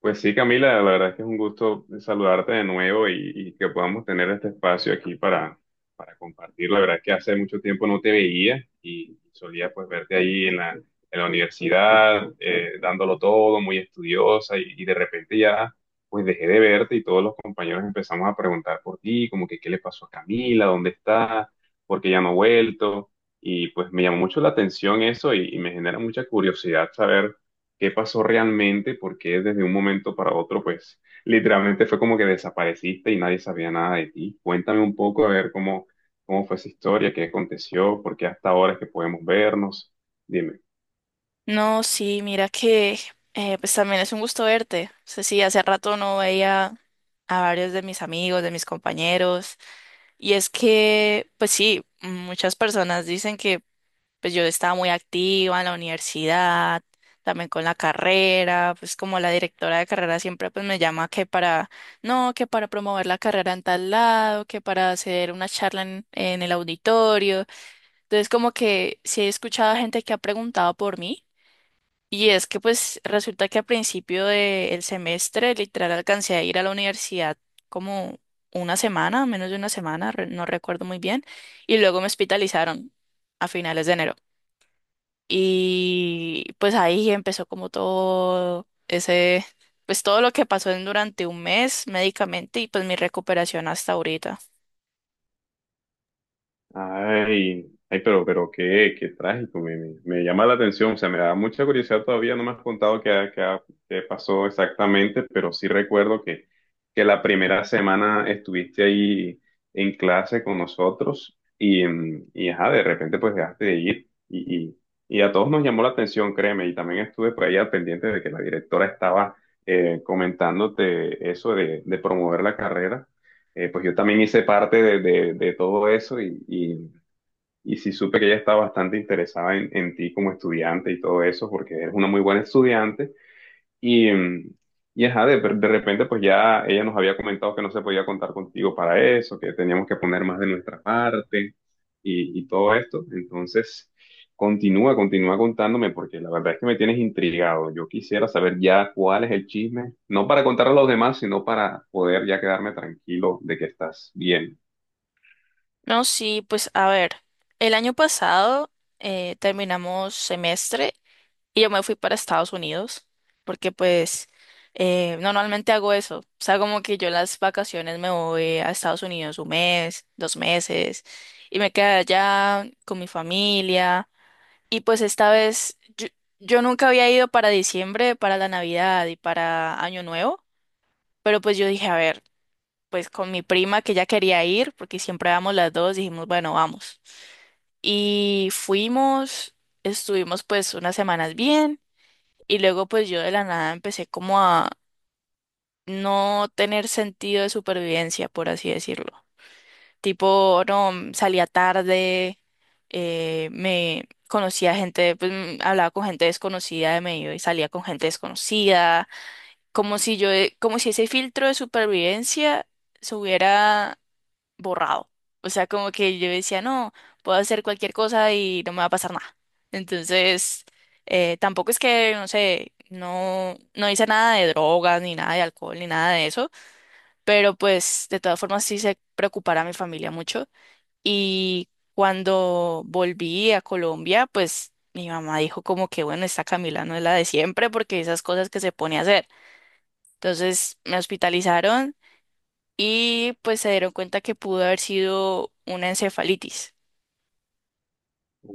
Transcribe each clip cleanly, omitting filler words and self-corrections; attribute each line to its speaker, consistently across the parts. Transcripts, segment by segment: Speaker 1: Pues sí, Camila, la verdad es que es un gusto saludarte de nuevo y que podamos tener este espacio aquí para compartir. La verdad es que hace mucho tiempo no te veía y solía pues verte ahí en la universidad, dándolo todo, muy estudiosa y de repente ya pues dejé de verte y todos los compañeros empezamos a preguntar por ti, como que qué le pasó a Camila, dónde está, por qué ya no ha vuelto y pues me llamó mucho la atención eso y me genera mucha curiosidad saber qué pasó realmente, porque desde un momento para otro, pues literalmente fue como que desapareciste y nadie sabía nada de ti. Cuéntame un poco a ver cómo fue esa historia, qué aconteció, por qué hasta ahora es que podemos vernos. Dime.
Speaker 2: No, sí, mira que pues también es un gusto verte. O sea, sí, hace rato no veía a varios de mis amigos, de mis compañeros. Y es que, pues sí, muchas personas dicen que pues yo estaba muy activa en la universidad, también con la carrera, pues como la directora de carrera siempre pues me llama que para, no, que para promover la carrera en tal lado, que para hacer una charla en el auditorio. Entonces como que sí he escuchado a gente que ha preguntado por mí, y es que pues resulta que al principio del semestre literal alcancé a ir a la universidad como una semana, menos de una semana, no recuerdo muy bien, y luego me hospitalizaron a finales de enero. Y pues ahí empezó como todo ese, pues todo lo que pasó en durante un mes médicamente y pues mi recuperación hasta ahorita.
Speaker 1: Ay, ay, pero qué, qué trágico, me llama la atención, o sea, me da mucha curiosidad todavía, no me has contado qué pasó exactamente, pero sí recuerdo que la primera semana estuviste ahí en clase con nosotros y, y ajá, de repente pues dejaste de ir y a todos nos llamó la atención, créeme, y también estuve por ahí al pendiente de que la directora estaba comentándote eso de promover la carrera. Pues yo también hice parte de, de todo eso y sí supe que ella está bastante interesada en ti como estudiante y todo eso, porque eres una muy buena estudiante. Y, y ajá, de repente pues ya ella nos había comentado que no se podía contar contigo para eso, que teníamos que poner más de nuestra parte y todo esto. Entonces, continúa contándome, porque la verdad es que me tienes intrigado. Yo quisiera saber ya cuál es el chisme, no para contarle a los demás, sino para poder ya quedarme tranquilo de que estás bien.
Speaker 2: No, sí, pues a ver, el año pasado terminamos semestre. Y yo me fui para Estados Unidos porque pues normalmente hago eso. O sea, como que yo en las vacaciones me voy a Estados Unidos un mes, dos meses, y me quedé allá con mi familia. Y pues esta vez yo nunca había ido para diciembre, para la Navidad y para Año Nuevo, pero pues yo dije, a ver, pues con mi prima que ya quería ir porque siempre vamos las dos, dijimos, bueno, vamos. Y fuimos, estuvimos pues unas semanas bien. Y luego pues yo de la nada empecé como a no tener sentido de supervivencia, por así decirlo. Tipo, no, salía tarde, me conocía gente, pues hablaba con gente desconocida de medio y salía con gente desconocida, como si como si ese filtro de supervivencia se hubiera borrado. O sea, como que yo decía, no, puedo hacer cualquier cosa y no me va a pasar nada. Entonces, tampoco es que, no sé, no, no hice nada de drogas, ni nada de alcohol, ni nada de eso, pero pues de todas formas sí se preocupara a mi familia mucho. Y cuando volví a Colombia, pues mi mamá dijo como que, bueno, esta Camila no es la de siempre porque esas cosas que se pone a hacer. Entonces me hospitalizaron y pues se dieron cuenta que pudo haber sido una encefalitis.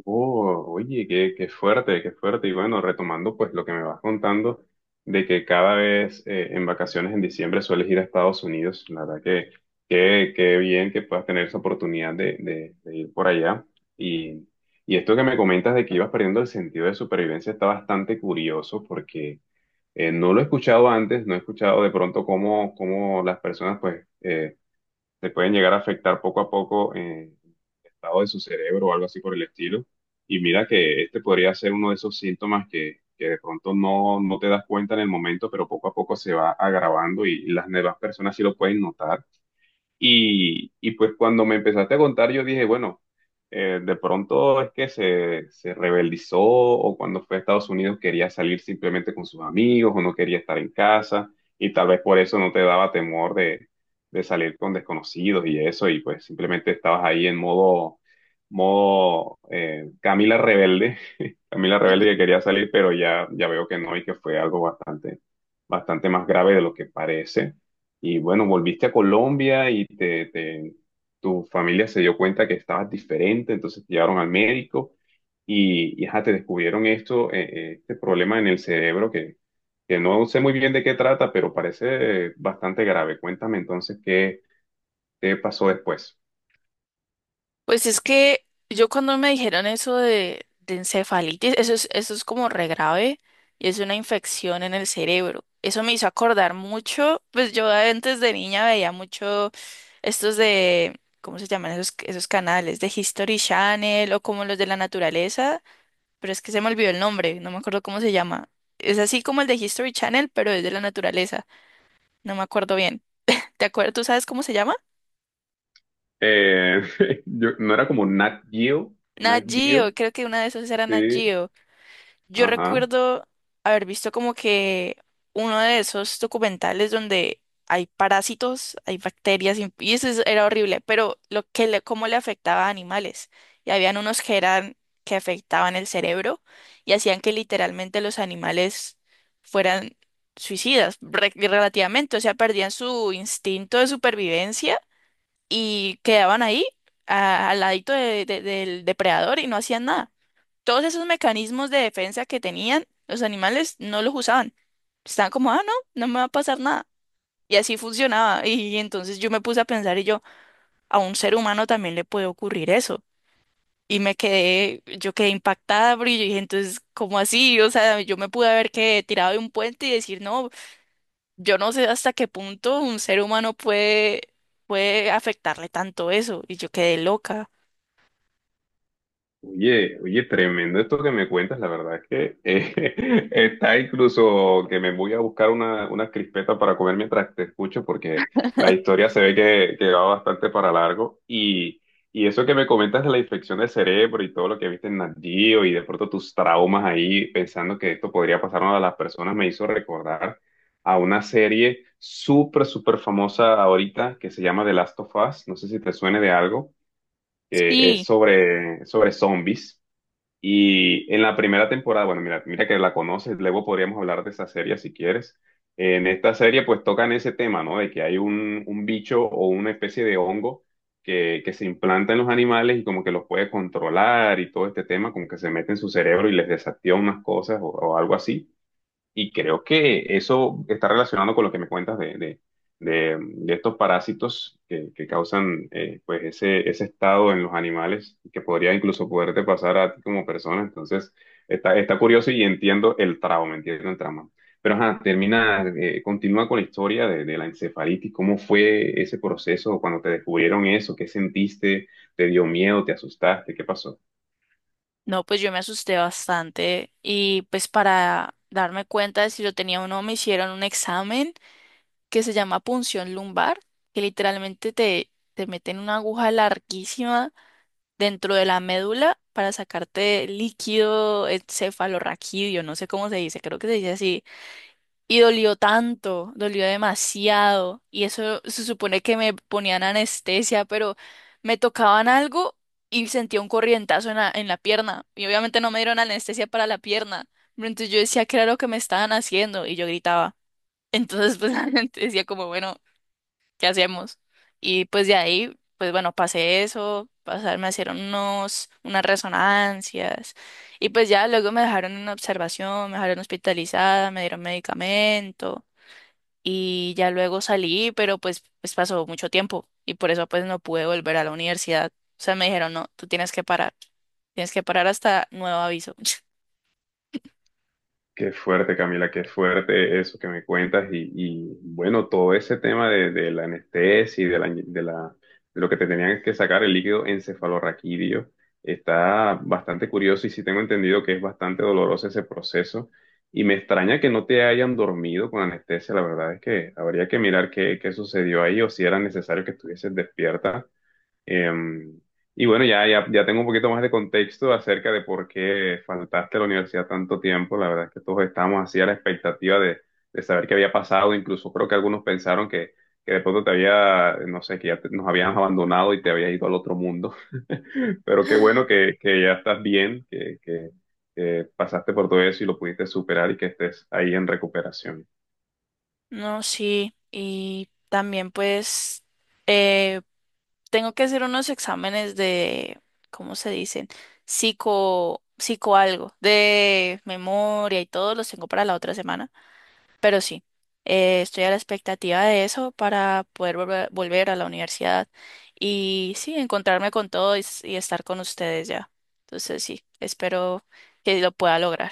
Speaker 1: Oh, oye, qué, qué fuerte, qué fuerte. Y bueno, retomando pues lo que me vas contando de que cada vez en vacaciones en diciembre sueles ir a Estados Unidos, la verdad que qué, qué bien que puedas tener esa oportunidad de, de ir por allá. Y, y esto que me comentas de que ibas perdiendo el sentido de supervivencia está bastante curioso porque no lo he escuchado antes, no he escuchado de pronto cómo las personas pues se pueden llegar a afectar poco a poco. Estado de su cerebro o algo así por el estilo. Y mira que este podría ser uno de esos síntomas que de pronto no te das cuenta en el momento, pero poco a poco se va agravando y las demás personas sí lo pueden notar. Y pues cuando me empezaste a contar, yo dije, bueno, de pronto es que se rebeldizó o cuando fue a Estados Unidos quería salir simplemente con sus amigos o no quería estar en casa y tal vez por eso no te daba temor de salir con desconocidos y eso y pues simplemente estabas ahí en modo, modo Camila rebelde, Camila rebelde que quería salir pero ya, ya veo que no y que fue algo bastante, bastante más grave de lo que parece. Y bueno, volviste a Colombia y te, tu familia se dio cuenta que estabas diferente, entonces te llevaron al médico y ajá, te descubrieron esto, este problema en el cerebro que no sé muy bien de qué trata, pero parece bastante grave. Cuéntame entonces qué pasó después.
Speaker 2: Pues es que yo cuando me dijeron eso de encefalitis, eso es como re grave y es una infección en el cerebro. Eso me hizo acordar mucho, pues yo antes de niña veía mucho estos de, ¿cómo se llaman esos canales? De History Channel o como los de la naturaleza, pero es que se me olvidó el nombre, no me acuerdo cómo se llama. Es así como el de History Channel, pero es de la naturaleza, no me acuerdo bien. ¿Te acuerdas? ¿Tú sabes cómo se llama?
Speaker 1: Eh, yo, no era como Nat Geo,
Speaker 2: Nat
Speaker 1: Nat Geo,
Speaker 2: Geo, creo que una de esas era Nat
Speaker 1: sí,
Speaker 2: Geo. Yo
Speaker 1: ajá.
Speaker 2: recuerdo haber visto como que uno de esos documentales donde hay parásitos, hay bacterias, y era horrible, pero cómo le afectaba a animales. Y habían unos que eran que afectaban el cerebro y hacían que literalmente los animales fueran suicidas, relativamente, o sea, perdían su instinto de supervivencia y quedaban ahí al ladito del depredador y no hacían nada. Todos esos mecanismos de defensa que tenían los animales no los usaban. Estaban como, ah, no, no me va a pasar nada. Y así funcionaba. Y entonces yo me puse a pensar y yo, a un ser humano también le puede ocurrir eso. Y me quedé, yo quedé impactada, porque yo dije, entonces, ¿cómo así? O sea, yo me pude haber que tirado de un puente y decir, no, yo no sé hasta qué punto un ser humano puede afectarle tanto eso. Y yo quedé loca.
Speaker 1: Oye, oye, tremendo esto que me cuentas, la verdad es que está incluso que me voy a buscar una crispeta para comer mientras te escucho, porque la historia se ve que va bastante para largo. Y eso que me comentas de la infección del cerebro y todo lo que viste en Nat Geo y de pronto tus traumas ahí pensando que esto podría pasar a las personas me hizo recordar a una serie súper, súper famosa ahorita que se llama The Last of Us. No sé si te suene de algo, que es
Speaker 2: Sí,
Speaker 1: sobre, sobre zombies. Y en la primera temporada, bueno, mira que la conoces, luego podríamos hablar de esa serie si quieres. En esta serie pues tocan ese tema, ¿no? De que hay un bicho o una especie de hongo que se implanta en los animales y como que los puede controlar y todo este tema, como que se mete en su cerebro y les desactiva unas cosas o algo así. Y creo que eso está relacionado con lo que me cuentas de, de estos parásitos que causan pues ese estado en los animales y que podría incluso poderte pasar a ti como persona. Entonces, está, está curioso y entiendo el trauma, entiendo el trauma. Pero ajá, termina, continúa con la historia de la encefalitis. ¿Cómo fue ese proceso cuando te descubrieron eso? ¿Qué sentiste? ¿Te dio miedo? ¿Te asustaste? ¿Qué pasó?
Speaker 2: no, pues yo me asusté bastante y pues para darme cuenta de si lo tenía o no me hicieron un examen que se llama punción lumbar, que literalmente te meten una aguja larguísima dentro de la médula para sacarte líquido encefalorraquídeo, no sé cómo se dice, creo que se dice así. Y dolió tanto, dolió demasiado. Y eso se supone que me ponían anestesia, pero me tocaban algo y sentía un corrientazo en la pierna. Y obviamente no me dieron anestesia para la pierna. Pero entonces yo decía que era lo que me estaban haciendo y yo gritaba. Entonces pues la gente decía como, bueno, ¿qué hacemos? Y pues de ahí, pues bueno, pasé eso, pasar, me hicieron unas resonancias. Y pues ya luego me dejaron en observación, me dejaron hospitalizada, me dieron medicamento y ya luego salí, pero pues pasó mucho tiempo y por eso pues no pude volver a la universidad. O sea, me dijeron, no, tú tienes que parar hasta nuevo aviso.
Speaker 1: Qué fuerte, Camila, qué fuerte eso que me cuentas y, bueno, todo ese tema de la anestesia y de la, de lo que te tenían que sacar el líquido encefalorraquídeo está bastante curioso y sí tengo entendido que es bastante doloroso ese proceso y me extraña que no te hayan dormido con anestesia, la verdad es que habría que mirar qué, qué sucedió ahí o si era necesario que estuvieses despierta. Em, y bueno, ya tengo un poquito más de contexto acerca de por qué faltaste a la universidad tanto tiempo. La verdad es que todos estábamos así a la expectativa de saber qué había pasado. Incluso creo que algunos pensaron que de pronto te había, no sé, que ya nos habían abandonado y te habías ido al otro mundo. Pero qué bueno que, ya estás bien, que pasaste por todo eso y lo pudiste superar y que estés ahí en recuperación.
Speaker 2: No, sí, y también pues eh, tengo que hacer unos exámenes de, ¿cómo se dicen? Psico, psico algo, de memoria y todo, los tengo para la otra semana. Pero sí, estoy a la expectativa de eso para poder volver a la universidad y sí, encontrarme con todo y, y estar con ustedes ya. Entonces sí, espero que lo pueda lograr.